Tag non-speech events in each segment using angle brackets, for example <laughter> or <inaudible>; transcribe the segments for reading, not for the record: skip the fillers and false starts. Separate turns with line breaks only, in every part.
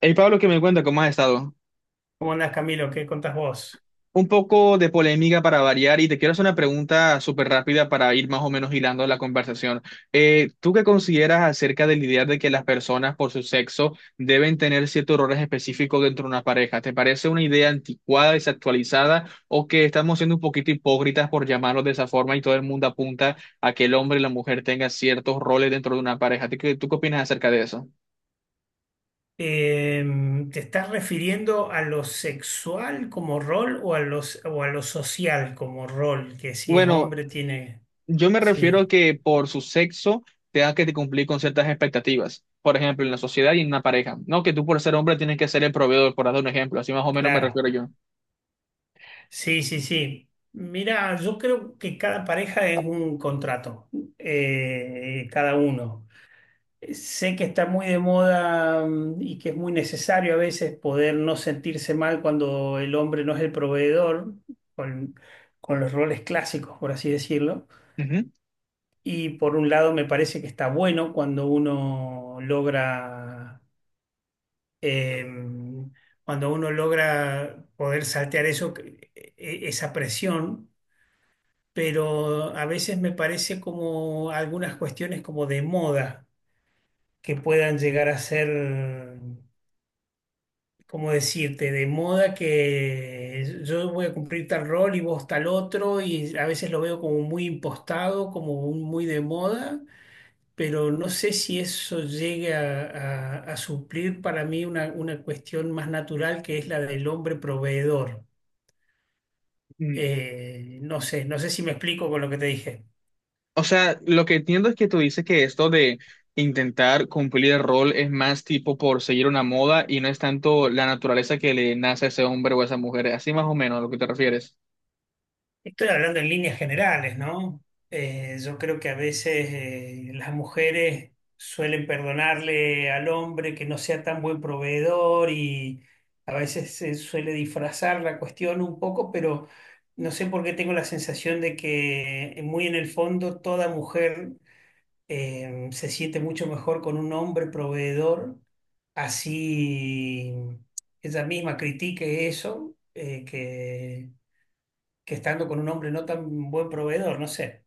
Hey Pablo, que me cuenta cómo has estado.
¿Cómo andás, Camilo? ¿Qué contás vos?
Un poco de polémica para variar y te quiero hacer una pregunta súper rápida para ir más o menos hilando la conversación. ¿Tú qué consideras acerca de la idea de que las personas por su sexo deben tener ciertos roles específicos dentro de una pareja? ¿Te parece una idea anticuada, desactualizada o que estamos siendo un poquito hipócritas por llamarlo de esa forma y todo el mundo apunta a que el hombre y la mujer tengan ciertos roles dentro de una pareja? ¿Tú qué opinas acerca de eso?
¿Te estás refiriendo a lo sexual como rol o a lo social como rol? Que si es
Bueno,
hombre tiene...
yo me refiero
Sí,
a que por su sexo tengas que cumplir con ciertas expectativas. Por ejemplo, en la sociedad y en una pareja. No que tú por ser hombre tienes que ser el proveedor, por dar un ejemplo. Así más o menos me
claro.
refiero yo.
Sí, sí, sí. Mira, yo creo que cada pareja es un contrato, cada uno. Sé que está muy de moda y que es muy necesario a veces poder no sentirse mal cuando el hombre no es el proveedor, con, con los roles clásicos, por así decirlo.
Ujú.
Y por un lado me parece que está bueno cuando em, cuando uno logra poder saltear eso, esa presión, pero a veces me parece como algunas cuestiones como de moda que puedan llegar a ser, como decirte, de moda que yo voy a cumplir tal rol y vos tal otro, y a veces lo veo como muy impostado, muy de moda, pero no sé si eso llegue a, a suplir para mí una cuestión más natural que es la del hombre proveedor.
Mm.
No sé, no sé si me explico con lo que te dije.
O sea, lo que entiendo es que tú dices que esto de intentar cumplir el rol es más tipo por seguir una moda y no es tanto la naturaleza que le nace a ese hombre o a esa mujer. Así más o menos a lo que te refieres.
Estoy hablando en líneas generales, ¿no? Yo creo que a veces, las mujeres suelen perdonarle al hombre que no sea tan buen proveedor y a veces se suele disfrazar la cuestión un poco, pero no sé por qué tengo la sensación de que muy en el fondo toda mujer, se siente mucho mejor con un hombre proveedor, así ella misma critique eso, que estando con un hombre no tan buen proveedor, no sé.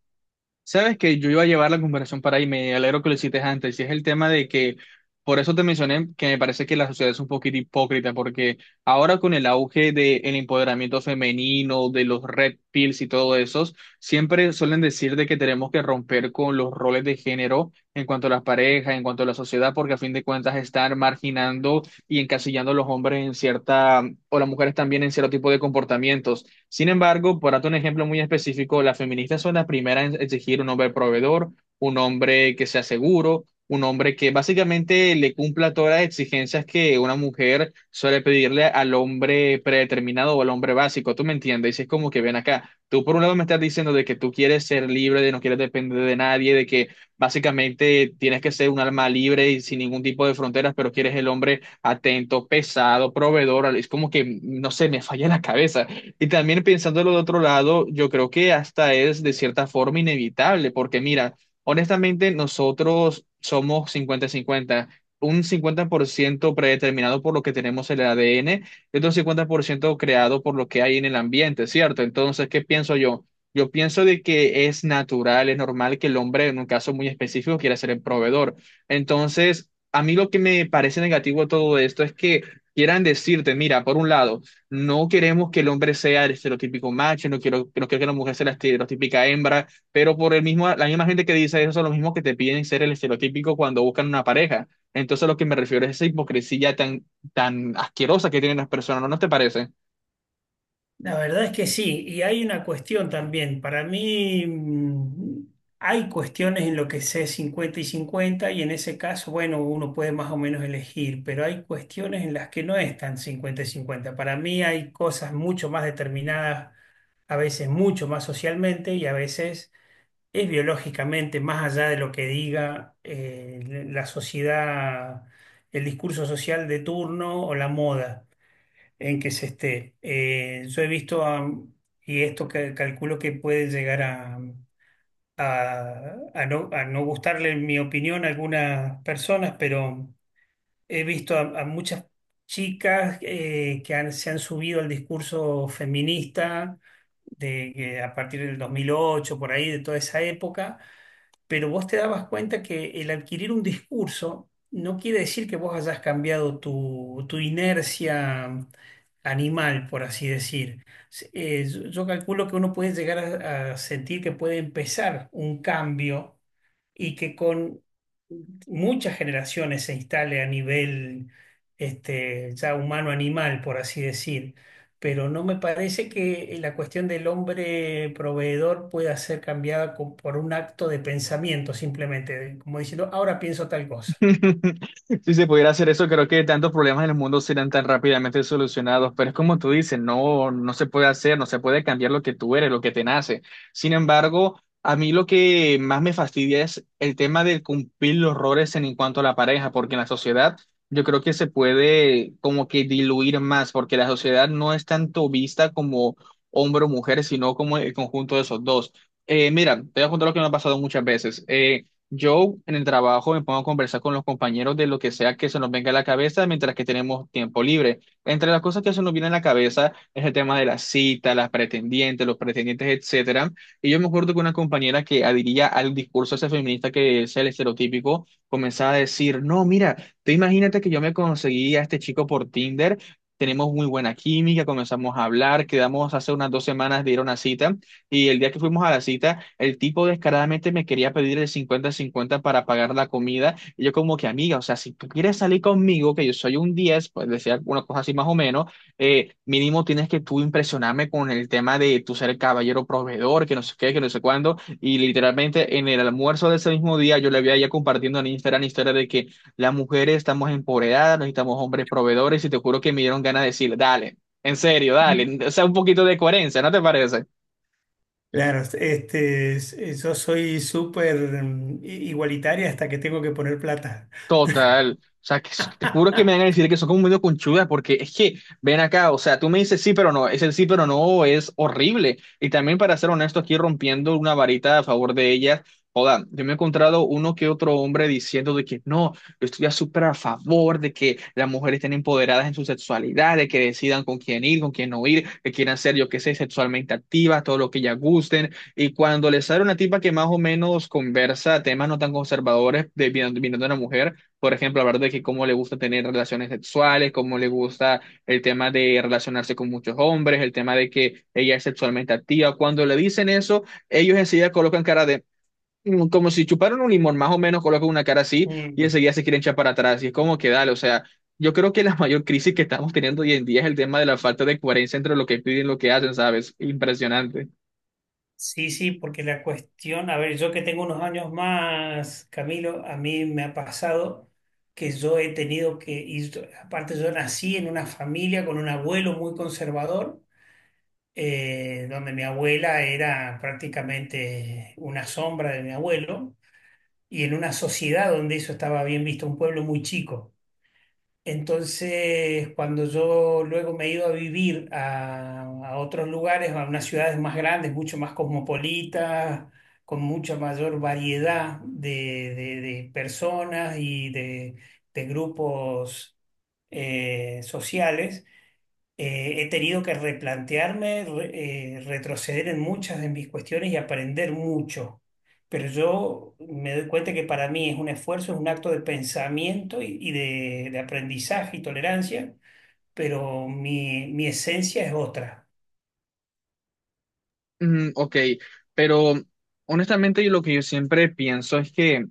Sabes que yo iba a llevar la comparación para ahí, me alegro que lo hiciste antes, y es el tema de que, por eso te mencioné que me parece que la sociedad es un poquito hipócrita, porque ahora con el auge del empoderamiento femenino, de los red pills y todo eso, siempre suelen decir de que tenemos que romper con los roles de género en cuanto a las parejas, en cuanto a la sociedad, porque a fin de cuentas están marginando y encasillando a los hombres en cierta, o las mujeres también en cierto tipo de comportamientos. Sin embargo, por darte un ejemplo muy específico, las feministas son las primeras en exigir un hombre proveedor, un hombre que sea seguro, un hombre que básicamente le cumpla todas las exigencias que una mujer suele pedirle al hombre predeterminado o al hombre básico. ¿Tú me entiendes? Y es como que ven acá. Tú por un lado me estás diciendo de que tú quieres ser libre, de no quieres depender de nadie, de que básicamente tienes que ser un alma libre y sin ningún tipo de fronteras, pero quieres el hombre atento, pesado, proveedor. Es como que, no sé, me falla la cabeza. Y también pensándolo de otro lado, yo creo que hasta es de cierta forma inevitable, porque mira, honestamente nosotros somos 50 cincuenta un 50% predeterminado por lo que tenemos en el ADN y otro 50% creado por lo que hay en el ambiente, ¿cierto? Entonces, ¿qué pienso yo? Yo pienso de que es natural, es normal que el hombre, en un caso muy específico, quiera ser el proveedor. Entonces, a mí lo que me parece negativo de todo esto es que quieran decirte, mira, por un lado, no queremos que el hombre sea el estereotípico macho, no quiero, no quiero que la mujer sea la estereotípica hembra, pero por el mismo, la misma gente que dice eso son los mismos que te piden ser el estereotípico cuando buscan una pareja. Entonces, a lo que me refiero es esa hipocresía tan, tan asquerosa que tienen las personas, ¿No te parece?
La verdad es que sí, y hay una cuestión también. Para mí hay cuestiones en lo que sé 50 y 50 y en ese caso, bueno, uno puede más o menos elegir, pero hay cuestiones en las que no es tan 50 y 50. Para mí hay cosas mucho más determinadas, a veces mucho más socialmente y a veces es biológicamente, más allá de lo que diga la sociedad, el discurso social de turno o la moda en que se esté. Yo he visto, y esto que calculo que puede llegar a, a no gustarle mi opinión a algunas personas, pero he visto a muchas chicas que se han subido al discurso feminista de, que a partir del 2008 por ahí, de toda esa época, pero vos te dabas cuenta que el adquirir un discurso no quiere decir que vos hayas cambiado tu inercia animal, por así decir. Yo, yo calculo que uno puede llegar a sentir que puede empezar un cambio y que con muchas generaciones se instale a nivel ya humano-animal, por así decir, pero no me parece que la cuestión del hombre proveedor pueda ser cambiada por un acto de pensamiento, simplemente, como diciendo, ahora pienso tal cosa.
<laughs> Si se pudiera hacer eso, creo que tantos problemas en el mundo serían tan rápidamente solucionados, pero es como tú dices, no, no se puede hacer, no se puede cambiar lo que tú eres, lo que te nace. Sin embargo, a mí lo que más me fastidia es el tema de cumplir los roles en cuanto a la pareja, porque en la sociedad yo creo que se puede como que diluir más, porque la sociedad no es tanto vista como hombre o mujer, sino como el conjunto de esos dos. Mira, te voy a contar lo que me ha pasado muchas veces. Yo en el trabajo me pongo a conversar con los compañeros de lo que sea que se nos venga a la cabeza mientras que tenemos tiempo libre. Entre las cosas que se nos viene a la cabeza es el tema de las citas, las pretendientes, los pretendientes, etcétera. Y yo me acuerdo que una compañera que adhería al discurso ese feminista que es el estereotípico, comenzaba a decir, no, mira, tú imagínate que yo me conseguí a este chico por Tinder. Tenemos muy buena química, comenzamos a hablar, quedamos hace unas 2 semanas de ir a una cita y el día que fuimos a la cita, el tipo descaradamente me quería pedir el 50 cincuenta para pagar la comida. Y yo como que, amiga, o sea, si tú quieres salir conmigo, que yo soy un 10 pues decía una cosa así más o menos, mínimo tienes que tú impresionarme con el tema de tu ser el caballero proveedor, que no sé qué, que no sé cuándo. Y literalmente en el almuerzo de ese mismo día yo le había ya compartiendo en Instagram historia de que las mujeres estamos empoderadas, necesitamos hombres proveedores y te juro que me dieron ganas de decir, dale, en serio, dale, o sea, un poquito de coherencia, ¿no te parece?
Claro, este, yo soy súper igualitaria hasta que tengo que poner plata.
Total. O sea, que, s- te juro que me van a
<laughs>
decir que son como medio conchudas, porque es que, ven acá, o sea, tú me dices sí, pero no, es el sí, pero no, es horrible. Y también, para ser honesto, aquí rompiendo una varita a favor de ellas, joda, yo me he encontrado uno que otro hombre diciendo de que no, yo estoy ya súper a favor de que las mujeres estén empoderadas en su sexualidad, de que decidan con quién ir, con quién no ir, que quieran ser, yo qué sé, sexualmente activas, todo lo que ellas gusten. Y cuando les sale una tipa que más o menos conversa temas no tan conservadores de, viniendo de una mujer, por ejemplo, hablar de que cómo le gusta tener relaciones sexuales, cómo le gusta el tema de relacionarse con muchos hombres, el tema de que ella es sexualmente activa. Cuando le dicen eso, ellos enseguida colocan cara de, mm, como si chuparan un limón, más o menos colocan una cara así y
Mm,
enseguida se quieren echar para atrás. Y es como que dale, o sea, yo creo que la mayor crisis que estamos teniendo hoy en día es el tema de la falta de coherencia entre lo que piden y lo que hacen, ¿sabes? Impresionante.
sí, sí, porque la cuestión, a ver, yo que tengo unos años más, Camilo, a mí me ha pasado que yo he tenido que, y aparte yo nací en una familia con un abuelo muy conservador, donde mi abuela era prácticamente una sombra de mi abuelo, y en una sociedad donde eso estaba bien visto, un pueblo muy chico. Entonces, cuando yo luego me he ido a vivir a otros lugares, a unas ciudades más grandes, mucho más cosmopolitas, con mucha mayor variedad de personas y de grupos sociales, he tenido que replantearme, retroceder en muchas de mis cuestiones y aprender mucho. Pero yo me doy cuenta que para mí es un esfuerzo, es un acto de pensamiento y de aprendizaje y tolerancia, pero mi esencia es otra.
Mm, ok, pero honestamente yo lo que yo siempre pienso es que...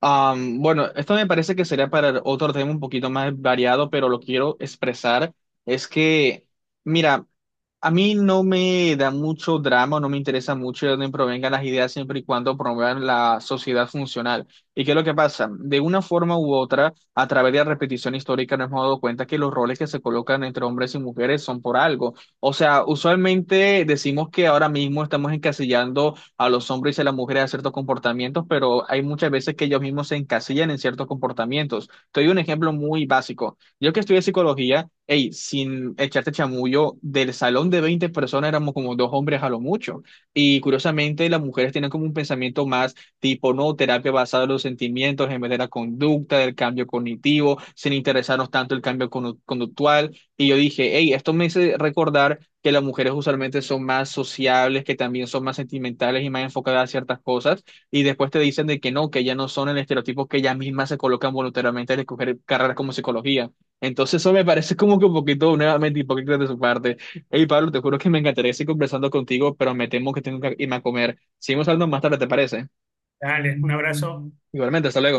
Bueno, esto me parece que sería para otro tema un poquito más variado, pero lo quiero expresar. Es que, mira, a mí no me da mucho drama, no me interesa mucho de dónde provengan las ideas siempre y cuando promuevan la sociedad funcional. ¿Y qué es lo que pasa? De una forma u otra, a través de la repetición histórica, nos hemos dado cuenta que los roles que se colocan entre hombres y mujeres son por algo. O sea, usualmente decimos que ahora mismo estamos encasillando a los hombres y a las mujeres a ciertos comportamientos, pero hay muchas veces que ellos mismos se encasillan en ciertos comportamientos. Te doy un ejemplo muy básico. Yo que estudié psicología, hey, sin echarte chamullo, del salón de 20 personas éramos como dos hombres a lo mucho. Y curiosamente, las mujeres tienen como un pensamiento más tipo, no, terapia basada en los sentimientos en vez de la conducta, del cambio cognitivo, sin interesarnos tanto el cambio conductual. Y yo dije, hey, esto me hace recordar que las mujeres usualmente son más sociables, que también son más sentimentales y más enfocadas a ciertas cosas, y después te dicen de que no, que ya no son el estereotipo que ellas mismas se colocan voluntariamente al escoger carreras como psicología. Entonces eso me parece como que un poquito nuevamente hipócrita de su parte. Hey Pablo, te juro que me encantaría seguir conversando contigo, pero me temo que tengo que irme a comer. Seguimos hablando más tarde, ¿te parece?
Dale, un abrazo.
Igualmente, hasta luego.